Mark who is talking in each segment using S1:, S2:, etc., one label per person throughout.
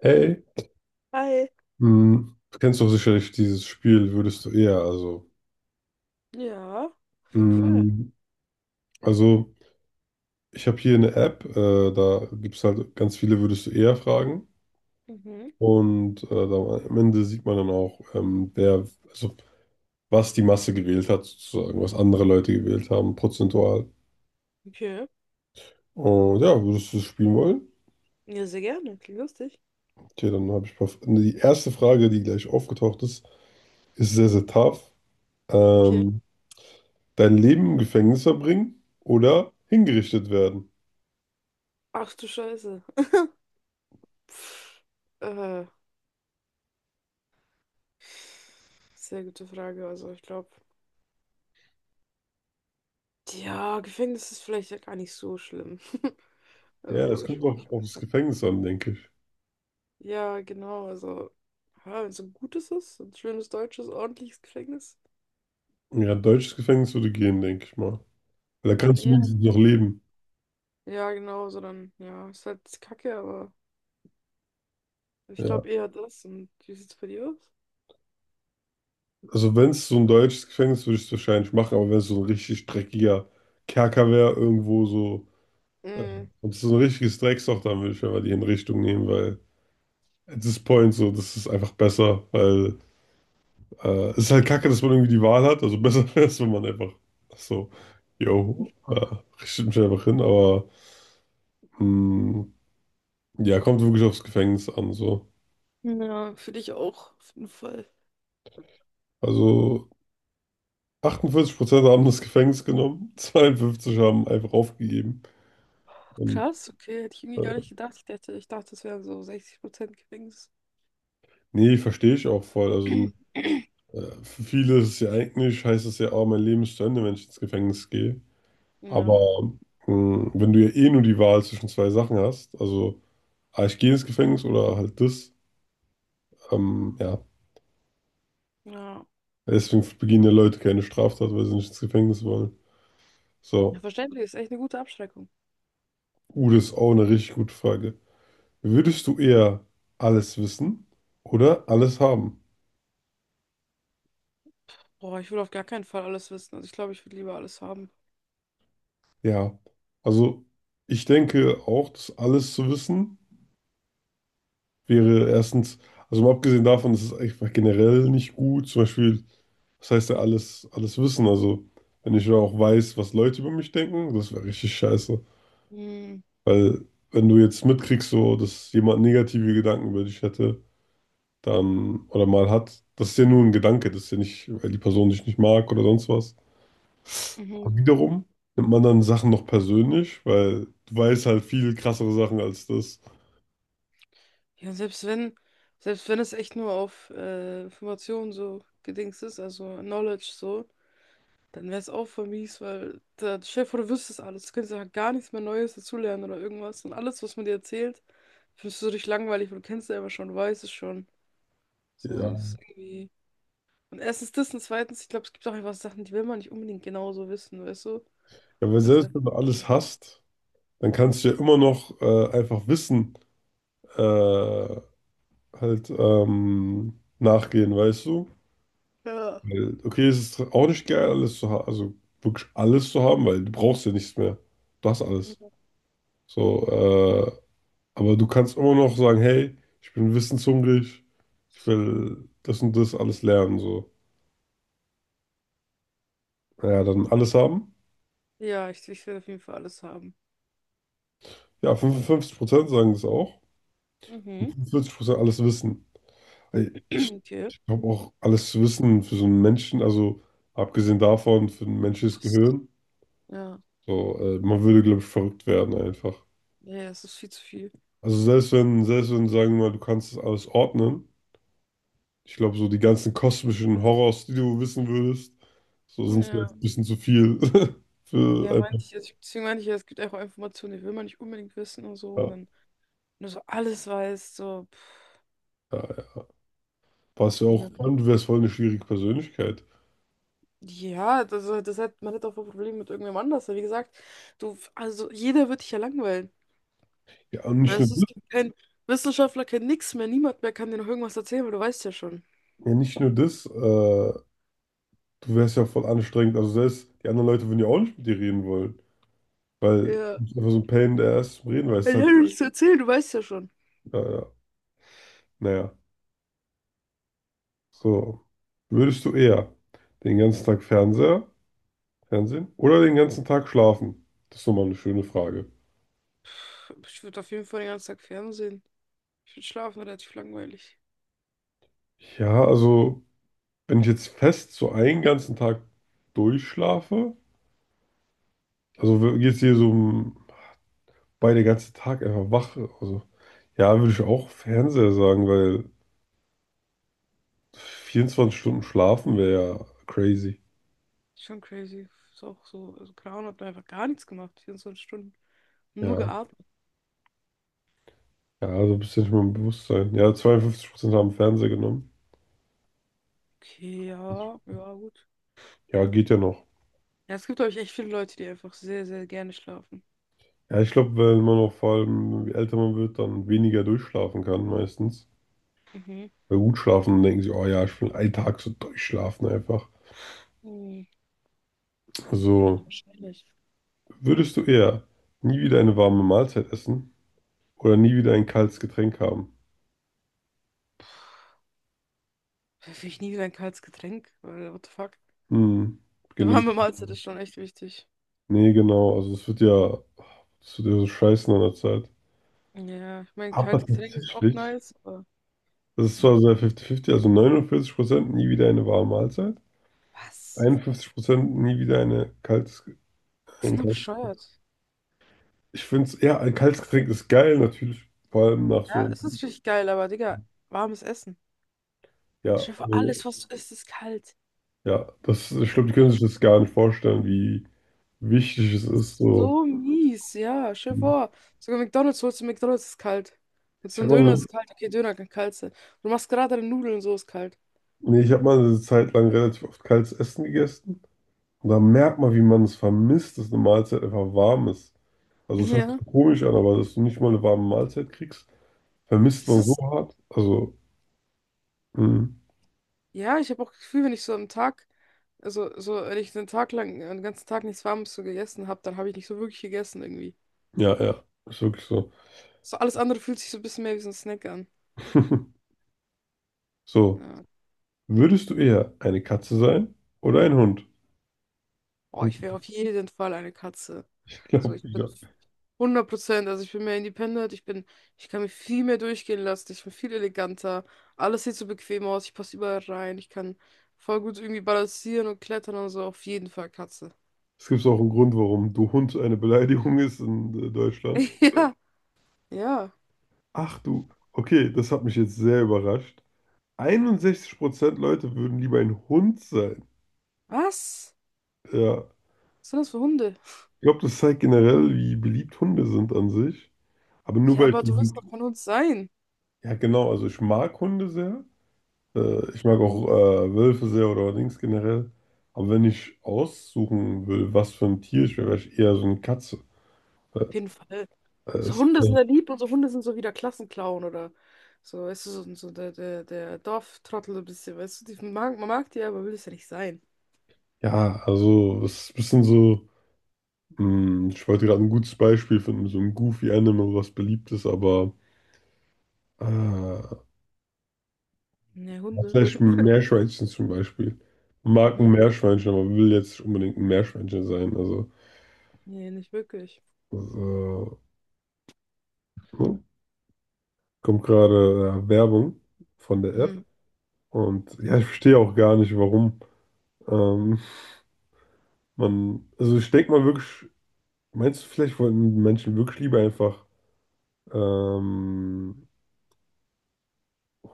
S1: Hey,
S2: Hi.
S1: du kennst doch sicherlich dieses Spiel, würdest du eher,
S2: Ja, auf jeden Fall.
S1: hm, also ich habe hier eine App, da gibt es halt ganz viele würdest du eher Fragen
S2: Mhm.
S1: und am Ende sieht man dann auch, wer, also was die Masse gewählt hat, sozusagen, was andere Leute gewählt haben, prozentual.
S2: Okay.
S1: Und ja, würdest du das spielen wollen?
S2: Ja, sehr gerne. Klingt lustig.
S1: Okay, dann habe ich ein paar, die erste Frage, die gleich aufgetaucht ist, ist sehr, sehr tough.
S2: Okay.
S1: Ähm, dein Leben im Gefängnis verbringen oder hingerichtet werden?
S2: Ach du Scheiße. Pff, äh, sehr gute Frage. Also ich glaube, ja, Gefängnis ist vielleicht ja gar nicht so schlimm.
S1: Ja,
S2: Also
S1: es
S2: ich
S1: kommt auch auf das Gefängnis an, denke ich.
S2: ja, genau. Also, ja, wenn es ein gutes ist, ein schönes deutsches, ordentliches Gefängnis,
S1: Ja, deutsches Gefängnis würde gehen, denke ich mal. Weil
S2: ja,
S1: da
S2: dann
S1: kannst du
S2: eher.
S1: wenigstens noch leben.
S2: Ja, genau. So dann, ja, ist halt Kacke, aber ich
S1: Ja.
S2: glaube eher das. Und wie sieht's bei dir aus?
S1: Also wenn es so ein deutsches Gefängnis ist, würde ich es wahrscheinlich machen, aber wenn es so ein richtig dreckiger Kerker wäre, irgendwo so, äh,
S2: Mm.
S1: und es ist so ein richtiges Drecksloch, dann würde ich einfach die Hinrichtung nehmen, weil at this point so, das ist einfach besser, weil es ist halt kacke, dass man irgendwie die Wahl hat. Also besser wäre es, wenn man einfach so, yo, äh, richtet mich einfach hin, aber mh, ja, kommt wirklich aufs Gefängnis an, so.
S2: Ja, für dich auch, auf jeden Fall.
S1: Also 48% haben das Gefängnis genommen, 52 haben einfach aufgegeben. Und,
S2: Krass, okay, hätte ich irgendwie
S1: äh,
S2: gar nicht gedacht. Ich dachte, das wären so 60% Gefängnis.
S1: nee, verstehe ich auch voll. Also du, für viele ist es ja eigentlich, heißt es ja, oh, mein Leben ist zu Ende, wenn ich ins Gefängnis gehe. Aber
S2: Ja,
S1: wenn du ja eh nur die Wahl zwischen zwei Sachen hast, also ah, ich gehe ins Gefängnis oder halt das, ja.
S2: ja.
S1: Deswegen begehen ja Leute keine Straftat, weil sie nicht ins Gefängnis wollen.
S2: Ja,
S1: So,
S2: verständlich, ist echt eine gute Abschreckung.
S1: das ist auch eine richtig gute Frage. Würdest du eher alles wissen oder alles haben?
S2: Boah, ich will auf gar keinen Fall alles wissen. Also ich glaube, ich würde lieber alles haben.
S1: Ja, also ich denke auch, dass alles zu wissen wäre erstens, also mal abgesehen davon, das ist einfach generell nicht gut, zum Beispiel, was heißt ja alles, alles wissen, also wenn ich ja auch weiß, was Leute über mich denken, das wäre richtig scheiße,
S2: Hm,
S1: weil wenn du jetzt mitkriegst, so, dass jemand negative Gedanken über dich hätte, dann, oder mal hat, das ist ja nur ein Gedanke, das ist ja nicht, weil die Person dich nicht mag oder sonst was.
S2: mhm.
S1: Aber wiederum nimmt man dann Sachen noch persönlich, weil du weißt halt viel krassere Sachen als das.
S2: Ja, selbst wenn es echt nur auf Informationen so gedings ist, also Knowledge so, dann wäre es auch voll mies, weil der Chef oder wüsstest alles. Du könntest ja gar nichts mehr Neues dazulernen oder irgendwas. Und alles, was man dir erzählt, findest du so richtig langweilig, weil du kennst es ja immer schon, du weißt es schon. So,
S1: Ja.
S2: es ist irgendwie. Und erstens das und zweitens, ich glaube, es gibt auch einfach Sachen, die will man nicht unbedingt genauso wissen, weißt du?
S1: Ja, weil
S2: Weil
S1: selbst
S2: einfach.
S1: wenn du alles hast, dann kannst du ja immer noch einfach Wissen äh, nachgehen, weißt du?
S2: Ja.
S1: Weil, okay, es ist auch nicht geil, alles zu haben, also wirklich alles zu haben, weil du brauchst ja nichts mehr. Du hast alles. So, aber du kannst immer noch sagen, hey, ich bin wissenshungrig, ich will das und das alles lernen, so. Ja, dann alles haben.
S2: Ja, ich will auf jeden Fall alles haben.
S1: Ja, 55% sagen das auch. Und
S2: Mhm.
S1: 45% alles wissen.
S2: Okay.
S1: Ich glaube auch, alles zu wissen für so einen Menschen, also abgesehen davon, für ein menschliches
S2: Passt.
S1: Gehirn,
S2: Ja.
S1: so, man würde, glaube ich, verrückt werden einfach.
S2: Ja, ja, es ist viel zu viel.
S1: Also selbst wenn, sagen wir mal, du kannst das alles ordnen, ich glaube, so die ganzen kosmischen Horrors, die du wissen würdest, so sind vielleicht
S2: Ja.
S1: ein bisschen zu viel für
S2: Ja,
S1: einfach,
S2: meinte ich, jetzt- deswegen meinte ich, ja, es gibt auch Informationen, die will man nicht unbedingt wissen und so. Und
S1: ja,
S2: dann nur so alles weiß so, pff,
S1: ja, ja. Was ja auch, vor
S2: ne.
S1: allem, du wärst voll eine schwierige Persönlichkeit.
S2: Ja, das hat, man hat auch ein Problem mit irgendwem anders. Weil wie gesagt, du, also jeder wird dich ja langweilen.
S1: Ja, und nicht nur
S2: Weißt du,
S1: das,
S2: es gibt keinen Wissenschaftler, kein nix mehr, niemand mehr kann dir noch irgendwas erzählen, weil du weißt ja schon.
S1: ja, nicht nur das, äh, Du wärst ja voll anstrengend. Also selbst die anderen Leute würden ja auch nicht mit dir reden wollen. Weil du
S2: Ja,
S1: bist einfach so ein Pain in the ass zum Reden, weil es
S2: ich
S1: ist halt,
S2: habe nichts zu erzählen, du weißt ja schon.
S1: ja, ja, naja. So. Würdest du eher den ganzen Tag Fernsehen oder den ganzen Tag schlafen? Das ist nochmal eine schöne Frage.
S2: Pff, ich würde auf jeden Fall den ganzen Tag Fernsehen. Ich würde schlafen, relativ langweilig.
S1: Ja, also, wenn ich jetzt fest so einen ganzen Tag durchschlafe, also geht es hier so um bei der ganzen Tag einfach wach, also ja, würde ich auch Fernseher sagen, weil 24 Stunden schlafen wäre ja crazy.
S2: Schon crazy. Ist auch so, also Clown hat mir einfach gar nichts gemacht, 24 Stunden. Nur
S1: Ja,
S2: geatmet.
S1: Ja, so ein bisschen nicht mal im Bewusstsein. Ja, 52% haben Fernseher genommen.
S2: Okay, ja, ja, gut.
S1: Ja, geht ja noch.
S2: Ja, es gibt, glaube ich, echt viele Leute, die einfach sehr, sehr gerne schlafen.
S1: Ja, ich glaube, wenn man auch vor allem, je älter man wird, dann weniger durchschlafen kann meistens.
S2: Mhm.
S1: Weil gut schlafen, dann denken sie, oh ja, ich will einen Tag so durchschlafen einfach.
S2: Hm, ja,
S1: Also,
S2: wahrscheinlich.
S1: würdest du eher nie wieder eine warme Mahlzeit essen oder nie wieder ein kaltes Getränk haben?
S2: Will ich nie wieder ein kaltes Getränk, weil, what the fuck?
S1: Hm,
S2: Eine
S1: gene-
S2: warme Mahlzeit ist schon echt wichtig.
S1: nee, genau. Also, es wird ja so scheißen an der Zeit.
S2: Ja, ich meine,
S1: Aber
S2: kalte Getränke sind auch
S1: tatsächlich,
S2: nice, aber
S1: das ist
S2: ja.
S1: zwar sehr 50-50, also 49% nie wieder eine warme Mahlzeit.
S2: Was?
S1: 51% nie wieder eine Kalt's,
S2: Die
S1: ein
S2: sind doch
S1: Kalt's.
S2: bescheuert.
S1: Ich finde es, ja, ein kaltes Getränk ist geil, natürlich, vor allem nach
S2: Ja,
S1: so,
S2: es ist richtig geil, aber Digga, warmes Essen.
S1: ja,
S2: Stell dir vor,
S1: also,
S2: alles, was du isst, ist kalt.
S1: ja, das, ich glaube, die können sich das gar nicht vorstellen, wie wichtig es
S2: Das
S1: ist,
S2: ist
S1: so.
S2: so mies, ja, stell dir vor. Sogar McDonald's holst du, McDonald's ist kalt. Und
S1: Ich
S2: so ein
S1: habe
S2: Döner
S1: mal, eine-
S2: ist kalt, okay, Döner kann kalt sein. Du machst gerade deine Nudeln und so ist kalt.
S1: nee, ich habe mal eine Zeit lang relativ oft kaltes Essen gegessen und da merkt man, wie man es vermisst, dass eine Mahlzeit einfach warm ist. Also, es hört sich
S2: Ja.
S1: komisch an, aber dass du nicht mal eine warme Mahlzeit kriegst, vermisst
S2: Es
S1: man so
S2: ist,
S1: hart. Also, mh,
S2: ja, ich habe auch das Gefühl, wenn ich so am Tag, also so, wenn ich einen Tag lang, einen ganzen Tag nichts Warmes so gegessen habe, dann habe ich nicht so wirklich gegessen irgendwie.
S1: ja, ja, ist wirklich so.
S2: So alles andere fühlt sich so ein bisschen mehr wie so ein Snack an.
S1: So.
S2: Ja.
S1: Würdest du eher eine Katze sein oder ein Hund?
S2: Oh,
S1: Und
S2: ich wäre auf jeden Fall eine Katze.
S1: ich
S2: So,
S1: glaube,
S2: ich bin
S1: ja.
S2: 100%, also ich bin mehr independent, ich bin, ich kann mich viel mehr durchgehen lassen, ich bin viel eleganter, alles sieht so bequem aus, ich passe überall rein, ich kann voll gut irgendwie balancieren und klettern und so, auf jeden Fall Katze.
S1: Es gibt auch einen Grund, warum du Hund eine Beleidigung ist in Deutschland.
S2: Ja, ja.
S1: Ach du, okay, das hat mich jetzt sehr überrascht. 61% Leute würden lieber ein Hund sein.
S2: Was?
S1: Ja,
S2: Was sind das für Hunde?
S1: ich glaube, das zeigt generell, wie beliebt Hunde sind an sich. Aber nur
S2: Ja,
S1: weil
S2: aber du wirst
S1: ich,
S2: doch von uns sein.
S1: ja genau, also ich mag Hunde sehr. Ich mag auch Wölfe sehr oder Dings generell. Aber wenn ich aussuchen will, was für ein Tier ich wäre, wäre ich eher so eine Katze.
S2: Auf jeden Fall. So
S1: Es,
S2: Hunde sind
S1: äh,
S2: ja lieb und so Hunde sind so wie der Klassenclown oder so, weißt du, so, so der Dorftrottel so ein bisschen, weißt du, die, man mag die, aber will es ja nicht sein.
S1: ja, also es ist ein bisschen so, ich wollte gerade ein gutes Beispiel finden, so ein Goofy-Anime, was beliebt ist, aber ja,
S2: Ne, Hunde.
S1: vielleicht ein Meerschweinchen zum Beispiel. Man mag ein
S2: Mhm.
S1: Meerschweinchen, aber will jetzt nicht unbedingt ein Meerschweinchen sein. Also
S2: Nee, nicht wirklich.
S1: das, äh, ne? Kommt gerade Werbung von der App
S2: Mhm.
S1: und ja, ich verstehe auch gar nicht, warum ähm, man, also ich denke mal wirklich, meinst du, vielleicht wollten Menschen wirklich lieber einfach ähm,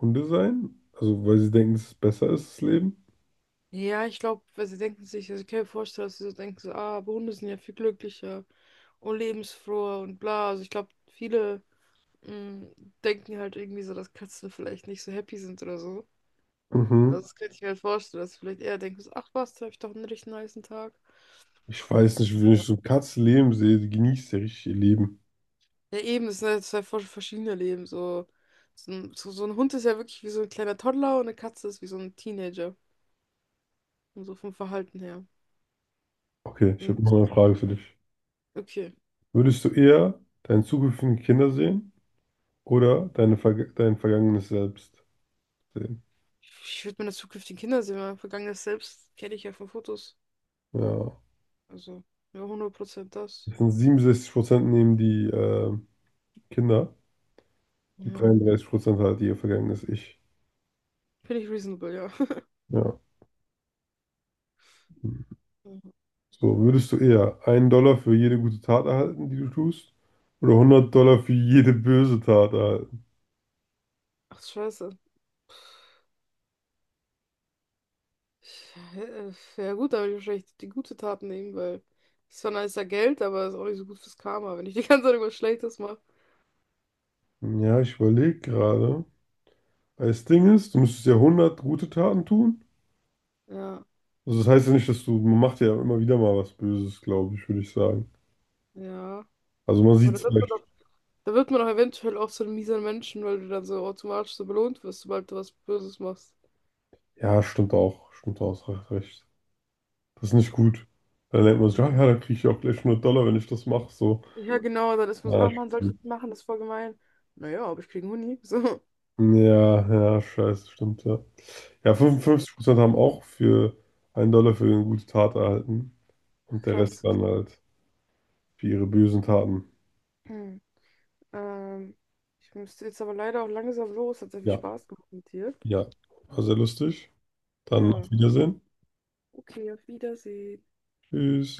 S1: Hunde sein? Also, weil sie denken, dass es besser ist, das Leben?
S2: Ja, ich glaube, weil sie denken sich, also ich kann mir vorstellen, dass sie so denken, so, ah, aber Hunde sind ja viel glücklicher und lebensfroher und bla. Also ich glaube, viele mm, denken halt irgendwie so, dass Katzen vielleicht nicht so happy sind oder so. Also
S1: Mhm.
S2: das könnte ich mir halt vorstellen, dass du vielleicht eher denkst, ach was, da habe ich doch einen richtig niceen Tag.
S1: Ich weiß nicht, wenn ich so eine Katze leben sehe, die genießt ja richtig ihr Leben.
S2: Ja, eben, das sind halt zwei voll verschiedene Leben. So, so ein Hund ist ja wirklich wie so ein kleiner Toddler und eine Katze ist wie so ein Teenager. Und so vom Verhalten her.
S1: Okay, ich habe noch
S2: Und
S1: eine Frage für dich.
S2: okay.
S1: Würdest du eher deine zukünftigen Kinder sehen oder deine dein vergangenes Selbst sehen?
S2: Ich würde meine zukünftigen Kinder sehen, mein vergangenes Selbst kenne ich ja von Fotos.
S1: Ja.
S2: Also, ja, 100% das.
S1: Das sind 67% nehmen die Kinder und
S2: Ja.
S1: 33% halt ihr vergangenes Ich.
S2: Finde ich reasonable, ja.
S1: Ja. So, würdest du eher einen Dollar für jede gute Tat erhalten, die du tust, oder hundert Dollar für jede böse Tat erhalten?
S2: Ach, scheiße. Äh, Ja gut, da würde ich wahrscheinlich die gute Tat nehmen, weil es ist zwar nicer Geld, aber es ist auch nicht so gut fürs Karma, wenn ich die ganze Zeit irgendwas Schlechtes mache.
S1: Ja, ich überlege gerade. Das Ding ist, du müsstest ja hundert gute Taten tun.
S2: Ja,
S1: Also das heißt ja nicht, dass du, man macht ja immer wieder mal was Böses, glaube ich, würde ich sagen.
S2: ja.
S1: Also man
S2: Aber
S1: sieht
S2: da
S1: es
S2: wird man
S1: vielleicht.
S2: doch, da wird man doch eventuell auch zu einem miesen Menschen, weil du dann so automatisch so belohnt wirst, sobald du was Böses machst.
S1: Ja, stimmt auch. Stimmt auch, hast recht. Das ist nicht gut. Dann denkt man sich,
S2: Mhm.
S1: ah, ja, da kriege ich auch gleich 100 Dollar, wenn ich das mache. So.
S2: Ja, genau, dann ist man so,
S1: Ja,
S2: ah Mann, soll ich das
S1: stimmt.
S2: machen, das ist voll gemein. Naja, aber ich kriege einen Huni. So.
S1: Ja, ja, scheiße, stimmt, ja. Ja, 55% haben auch für einen Dollar für eine gute Tat erhalten. Und der Rest
S2: Krass.
S1: dann halt für ihre bösen Taten.
S2: Hm. Ähm, ich müsste jetzt aber leider auch langsam los, hat sehr viel
S1: Ja,
S2: Spaß gemacht mit dir.
S1: ja. War sehr lustig. Dann auf
S2: Ja,
S1: Wiedersehen.
S2: okay, auf Wiedersehen.
S1: Tschüss.